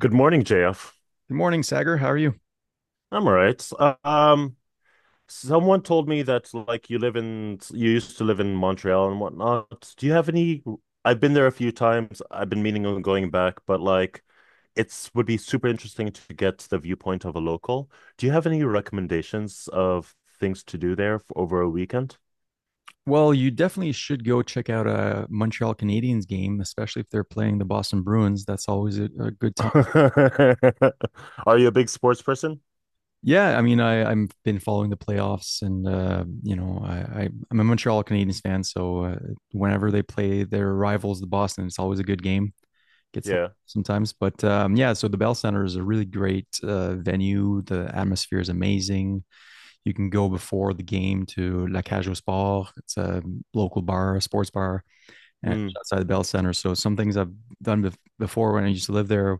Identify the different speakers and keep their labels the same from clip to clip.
Speaker 1: Good morning, JF.
Speaker 2: Good morning, Sagar. How are you?
Speaker 1: I'm all right. Someone told me that you used to live in Montreal and whatnot. Do you have any? I've been there a few times. I've been meaning on going back, but like it's would be super interesting to get the viewpoint of a local. Do you have any recommendations of things to do there f over a weekend?
Speaker 2: Well, you definitely should go check out a Montreal Canadiens game, especially if they're playing the Boston Bruins. That's always a good time.
Speaker 1: Are you a big sports person?
Speaker 2: Yeah, I mean, I've been following the playoffs, and you know, I'm a Montreal Canadiens fan, so whenever they play their rivals, the Boston, it's always a good game. Gets
Speaker 1: Yeah.
Speaker 2: sometimes, but yeah. So the Bell Center is a really great venue. The atmosphere is amazing. You can go before the game to La Cage au Sport. It's a local bar, a sports bar and
Speaker 1: Mm,
Speaker 2: outside the Bell Center. So some things I've before when I used to live there,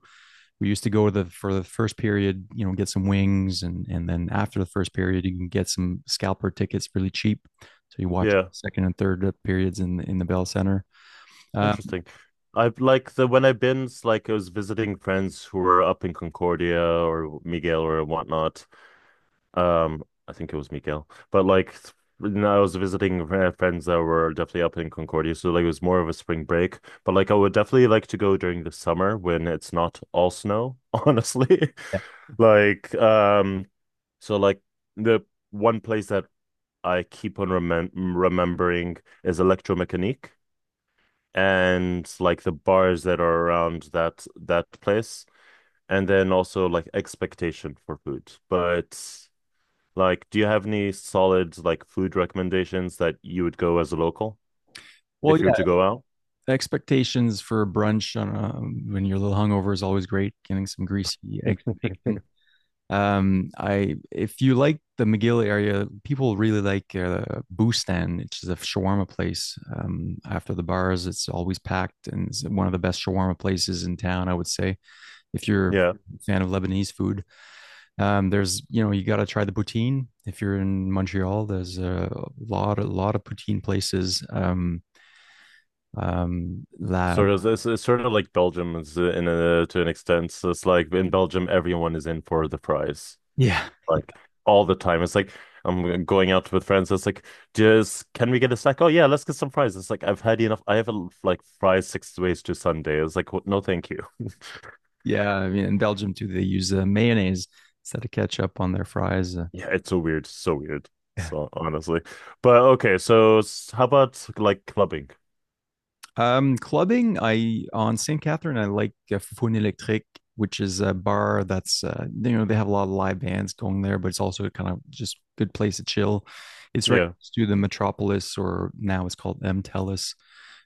Speaker 2: we used to go to the for the first period, you know, get some wings, and then after the first period, you can get some scalper tickets really cheap. So you watch
Speaker 1: yeah.
Speaker 2: second and third periods in the Bell Center. Um,
Speaker 1: Interesting. I've like the when I've been s- like I was visiting friends who were up in Concordia or Miguel or whatnot. I think it was Miguel, but when I was visiting friends that were definitely up in Concordia, so like it was more of a spring break. But like I would definitely like to go during the summer when it's not all snow, honestly.
Speaker 2: yeah.
Speaker 1: Like um, so like the one place that I keep on remembering is Electromechanique, and like the bars that are around that place, and then also like expectation for food. But like do you have any solid like food recommendations that you would go as a local
Speaker 2: Well,
Speaker 1: if you were
Speaker 2: yeah,
Speaker 1: to go out?
Speaker 2: expectations for brunch on a, when you're a little hungover is always great. Getting some greasy eggs. I if you like the McGill area, people really like Bustan, which is a shawarma place. After the bars, it's always packed, and it's one of the best shawarma places in town. I would say if you're
Speaker 1: Yeah,
Speaker 2: a fan of Lebanese food, there's you know you got to try the poutine. If you're in Montreal, there's a lot of poutine places. La
Speaker 1: sort of. It's sort of like Belgium is, in a to an extent. So it's like in Belgium everyone is in for the fries
Speaker 2: Yeah.
Speaker 1: like all the time. It's like I'm going out with friends. It's like, just can we get a snack? Oh yeah, let's get some fries. It's like I've had enough. I have a, like fries six ways to Sunday. It's like what? No, thank you.
Speaker 2: Yeah. I mean in Belgium too, they use mayonnaise instead of ketchup on their fries.
Speaker 1: Yeah, it's so weird, so weird.
Speaker 2: Uh,
Speaker 1: So honestly, but okay. How about like clubbing?
Speaker 2: Clubbing, I on St. Catherine, I like Fun Electrique, which is a bar that's you know they have a lot of live bands going there, but it's also kind of just good place to chill. It's right
Speaker 1: Yeah,
Speaker 2: next to the Metropolis, or now it's called M Telus,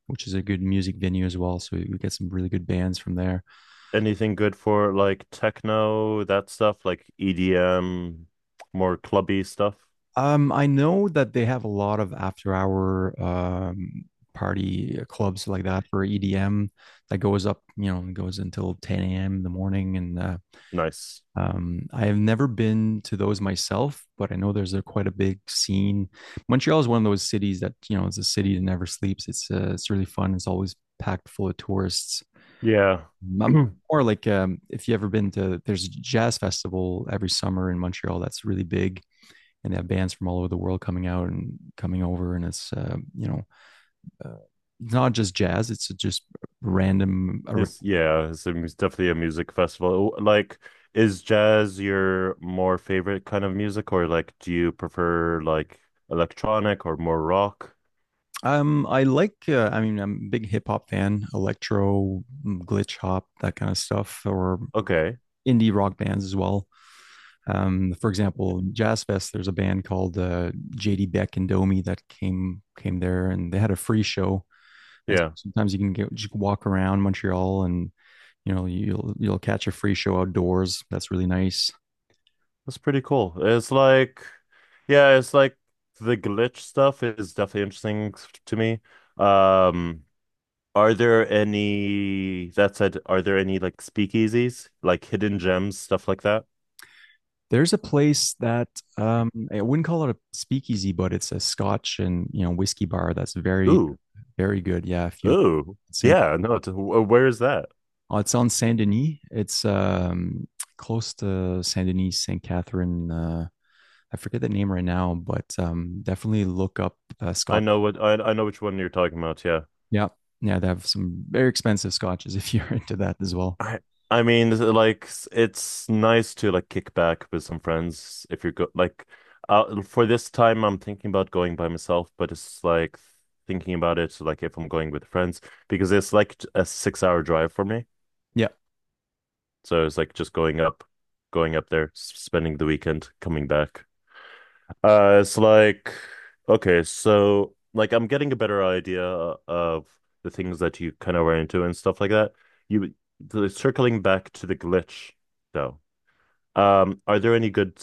Speaker 2: which is a good music venue as well. So we get some really good bands from there.
Speaker 1: anything good for like techno, that stuff, like EDM, more clubby stuff?
Speaker 2: I know that they have a lot of after hour party clubs like that for EDM that goes up, you know, goes until 10 a.m. in the morning and
Speaker 1: Nice.
Speaker 2: I have never been to those myself, but I know there's a quite a big scene. Montreal is one of those cities that you know it's a city that never sleeps. It's really fun. It's always packed full of tourists.
Speaker 1: Yeah.
Speaker 2: Um, or like if you ever been to there's a jazz festival every summer in Montreal that's really big, and they have bands from all over the world coming out and coming over, and it's you know. Uh, Not just jazz; it's just random a.
Speaker 1: It's, yeah, it's a, it's definitely a music festival. Like, is jazz your more favorite kind of music, or like, do you prefer like electronic or more rock?
Speaker 2: I like, I mean, I'm a big hip hop fan, electro, glitch hop, that kind of stuff, or
Speaker 1: Okay,
Speaker 2: indie rock bands as well. For example, Jazz Fest, there's a band called JD Beck and Domi that came there, and they had a free show. And
Speaker 1: yeah,
Speaker 2: sometimes you can get, just walk around Montreal, and you know you'll catch a free show outdoors. That's really nice.
Speaker 1: that's pretty cool. It's like, yeah, it's like the glitch stuff is definitely interesting to me. Um, are there any, that said, are there any like speakeasies, like hidden gems, stuff like that?
Speaker 2: There's a place that I wouldn't call it a speakeasy, but it's a Scotch and you know whiskey bar that's very
Speaker 1: Ooh,
Speaker 2: very good. Yeah, if you
Speaker 1: ooh,
Speaker 2: Saint,
Speaker 1: yeah, no, where is that?
Speaker 2: oh, it's on Saint Denis. It's close to Saint Denis, Saint Catherine. I forget the name right now, but definitely look up Scotch.
Speaker 1: I know which one you're talking about, yeah.
Speaker 2: Yeah. Yeah. They have some very expensive scotches if you're into that as well.
Speaker 1: I I mean this is like it's nice to like kick back with some friends if you're go like, for this time I'm thinking about going by myself, but it's like thinking about it like if I'm going with friends, because it's like a 6 hour drive for me.
Speaker 2: Yeah.
Speaker 1: So it's like just going up there, spending the weekend, coming back. It's like, okay, so like I'm getting a better idea of the things that you kind of were into and stuff like that. You Circling back to the glitch though. Are there any good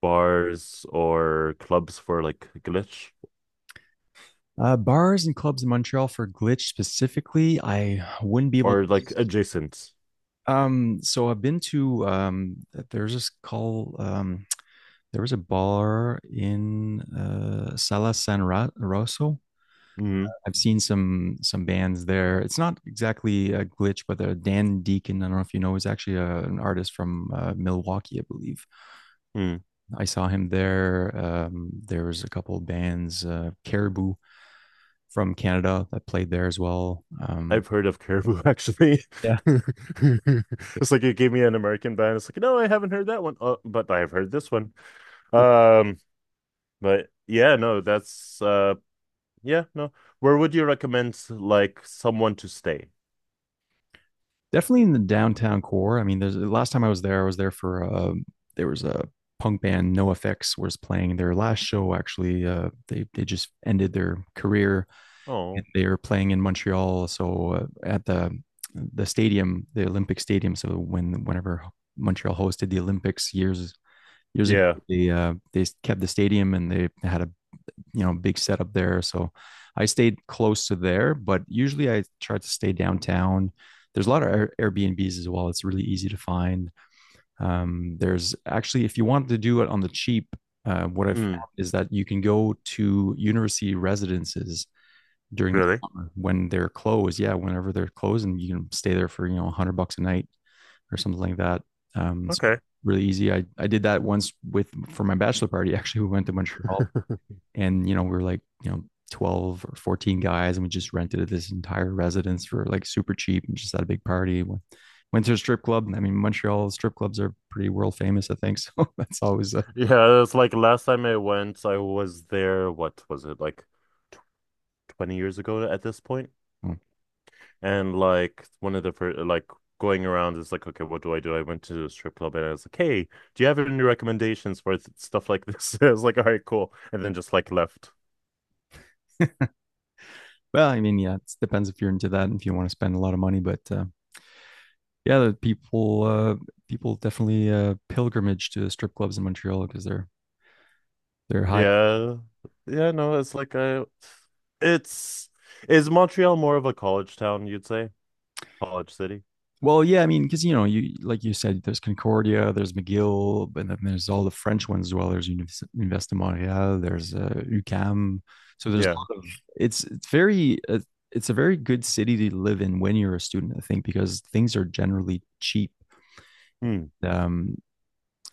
Speaker 1: bars or clubs for like glitch
Speaker 2: Bars and clubs in Montreal for glitch specifically, I wouldn't be able.
Speaker 1: or like adjacent?
Speaker 2: So I've been to there's this call. There was a bar in uh, Rosso.
Speaker 1: Mm,
Speaker 2: I've seen some bands there. It's not exactly a glitch, but Dan Deacon, I don't know if you know, is actually an artist from Milwaukee, I believe.
Speaker 1: mm.
Speaker 2: I saw him there. There was a couple of bands, Caribou from Canada that played there as well.
Speaker 1: I've heard of Caribou actually.
Speaker 2: Yeah.
Speaker 1: It's like you gave me an American band. It's like, no, I haven't heard that one. Oh, but I've heard this one. Um, but yeah, no, that's uh. Yeah, no. Where would you recommend like someone to stay?
Speaker 2: Definitely in the downtown core. I mean, there's the last time I was there for there was a punk band No Effects was playing their last show. Actually, they just ended their career.
Speaker 1: Oh,
Speaker 2: They were playing in Montreal, so at the stadium, the Olympic Stadium. So whenever Montreal hosted the Olympics years ago
Speaker 1: yeah.
Speaker 2: they kept the stadium and they had a you know big setup there, so I stayed close to there, but usually I tried to stay downtown. There's a lot of Airbnbs as well. It's really easy to find. There's actually, if you want to do it on the cheap, what I've
Speaker 1: Mm,
Speaker 2: found is that you can go to university residences during the
Speaker 1: really?
Speaker 2: summer when they're closed, yeah, whenever they're closed, and you can stay there for you know 100 bucks a night or something like that. So
Speaker 1: Okay.
Speaker 2: really easy. I did that once with for my bachelor party. Actually, we went to Montreal and you know, we were like, you know, 12 or 14 guys and we just rented this entire residence for like super cheap and just had a big party. Went to a strip club. I mean, Montreal strip clubs are pretty world famous, I think. So that's always a.
Speaker 1: Yeah, it's like last time I went, I was there, what was it, like 20 years ago at this point?
Speaker 2: Hmm.
Speaker 1: And like one of the first, like going around is like, okay, what do? I went to a strip club and I was like, hey, do you have any recommendations for th stuff like this? I was like, all right, cool. And then just like left.
Speaker 2: Well, I mean, yeah, it depends if you're into that and if you want to spend a lot of money, but yeah, the people people definitely pilgrimage to strip clubs in Montreal because they're high.
Speaker 1: Yeah. Yeah, no, it's like a it's is Montreal more of a college town, you'd say? College city?
Speaker 2: Well, yeah, I mean, because you know, you like you said, there's Concordia, there's McGill, and then there's all the French ones as well. There's Université Montréal, there's UCAM. So there's a
Speaker 1: Yeah.
Speaker 2: lot of it's very it's a very good city to live in when you're a student, I think, because things are generally cheap.
Speaker 1: Hmm.
Speaker 2: Um,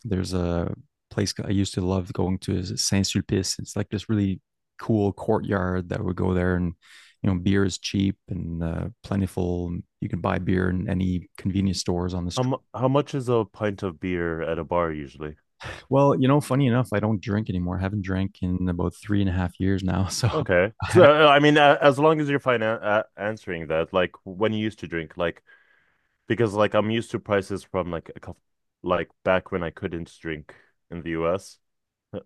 Speaker 2: there's a place I used to love going to is Saint Sulpice. It's like this really cool courtyard that would go there, and you know beer is cheap and plentiful. You can buy beer in any convenience stores on the
Speaker 1: How
Speaker 2: street.
Speaker 1: mu how much is a pint of beer at a bar usually?
Speaker 2: Well, you know, funny enough, I don't drink anymore. I haven't drank in about three and a half years now. So
Speaker 1: Okay.
Speaker 2: I
Speaker 1: So
Speaker 2: have,
Speaker 1: I mean as long as you're fine answering that, like when you used to drink, like because like I'm used to prices from like a couple, like back when I couldn't drink in the US,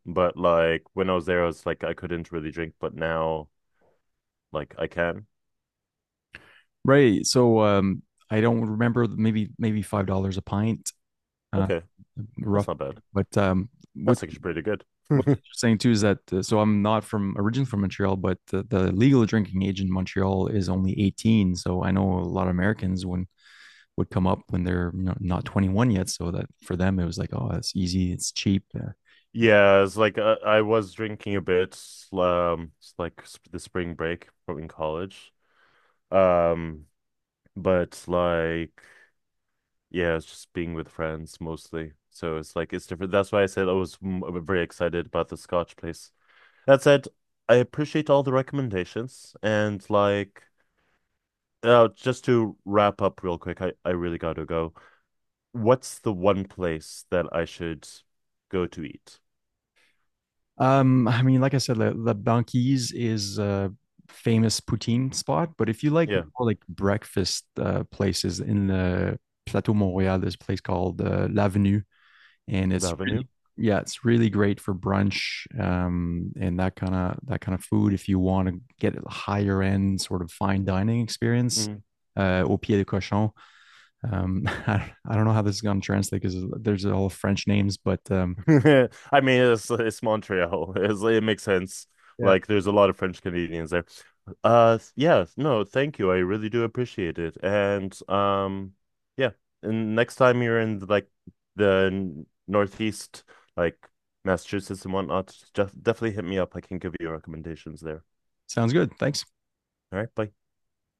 Speaker 1: but like when I was there I was like I couldn't really drink, but now like I can.
Speaker 2: right. So I don't remember, maybe $5 a pint, uh
Speaker 1: Okay. That's
Speaker 2: rough.
Speaker 1: not bad.
Speaker 2: But what
Speaker 1: That's actually pretty good.
Speaker 2: what's interesting too is that so I'm not from originally from Montreal, but the legal drinking age in Montreal is only 18. So I know a lot of Americans when would come up when they're you know, not 21 yet. So that for them, it was like, oh, it's easy, it's cheap.
Speaker 1: Yeah, it's like I was drinking a bit, it's like the spring break from in college. Um, but like, yeah, it's just being with friends mostly. So it's like it's different. That's why I said I was mm, very excited about the Scotch place. That said, I appreciate all the recommendations and like, just to wrap up real quick, I really gotta go. What's the one place that I should go to eat?
Speaker 2: I mean, like I said, La Banquise is a famous poutine spot, but if you like
Speaker 1: Yeah,
Speaker 2: more like breakfast places in the Plateau Montréal, there's a place called L'Avenue and
Speaker 1: the
Speaker 2: it's
Speaker 1: Avenue.
Speaker 2: really yeah it's really great for brunch and that kind of food. If you want to get a higher end sort of fine dining experience,
Speaker 1: Mm.
Speaker 2: au pied de cochon. I don't know how this is going to translate because there's all French names, but
Speaker 1: I mean, it's Montreal. It makes sense.
Speaker 2: yeah.
Speaker 1: Like, there's a lot of French Canadians there. Yeah, no, thank you. I really do appreciate it. And yeah, and next time you're in like the Northeast, like Massachusetts and whatnot, just definitely hit me up. I can give you recommendations there.
Speaker 2: Sounds good, thanks.
Speaker 1: All right, bye.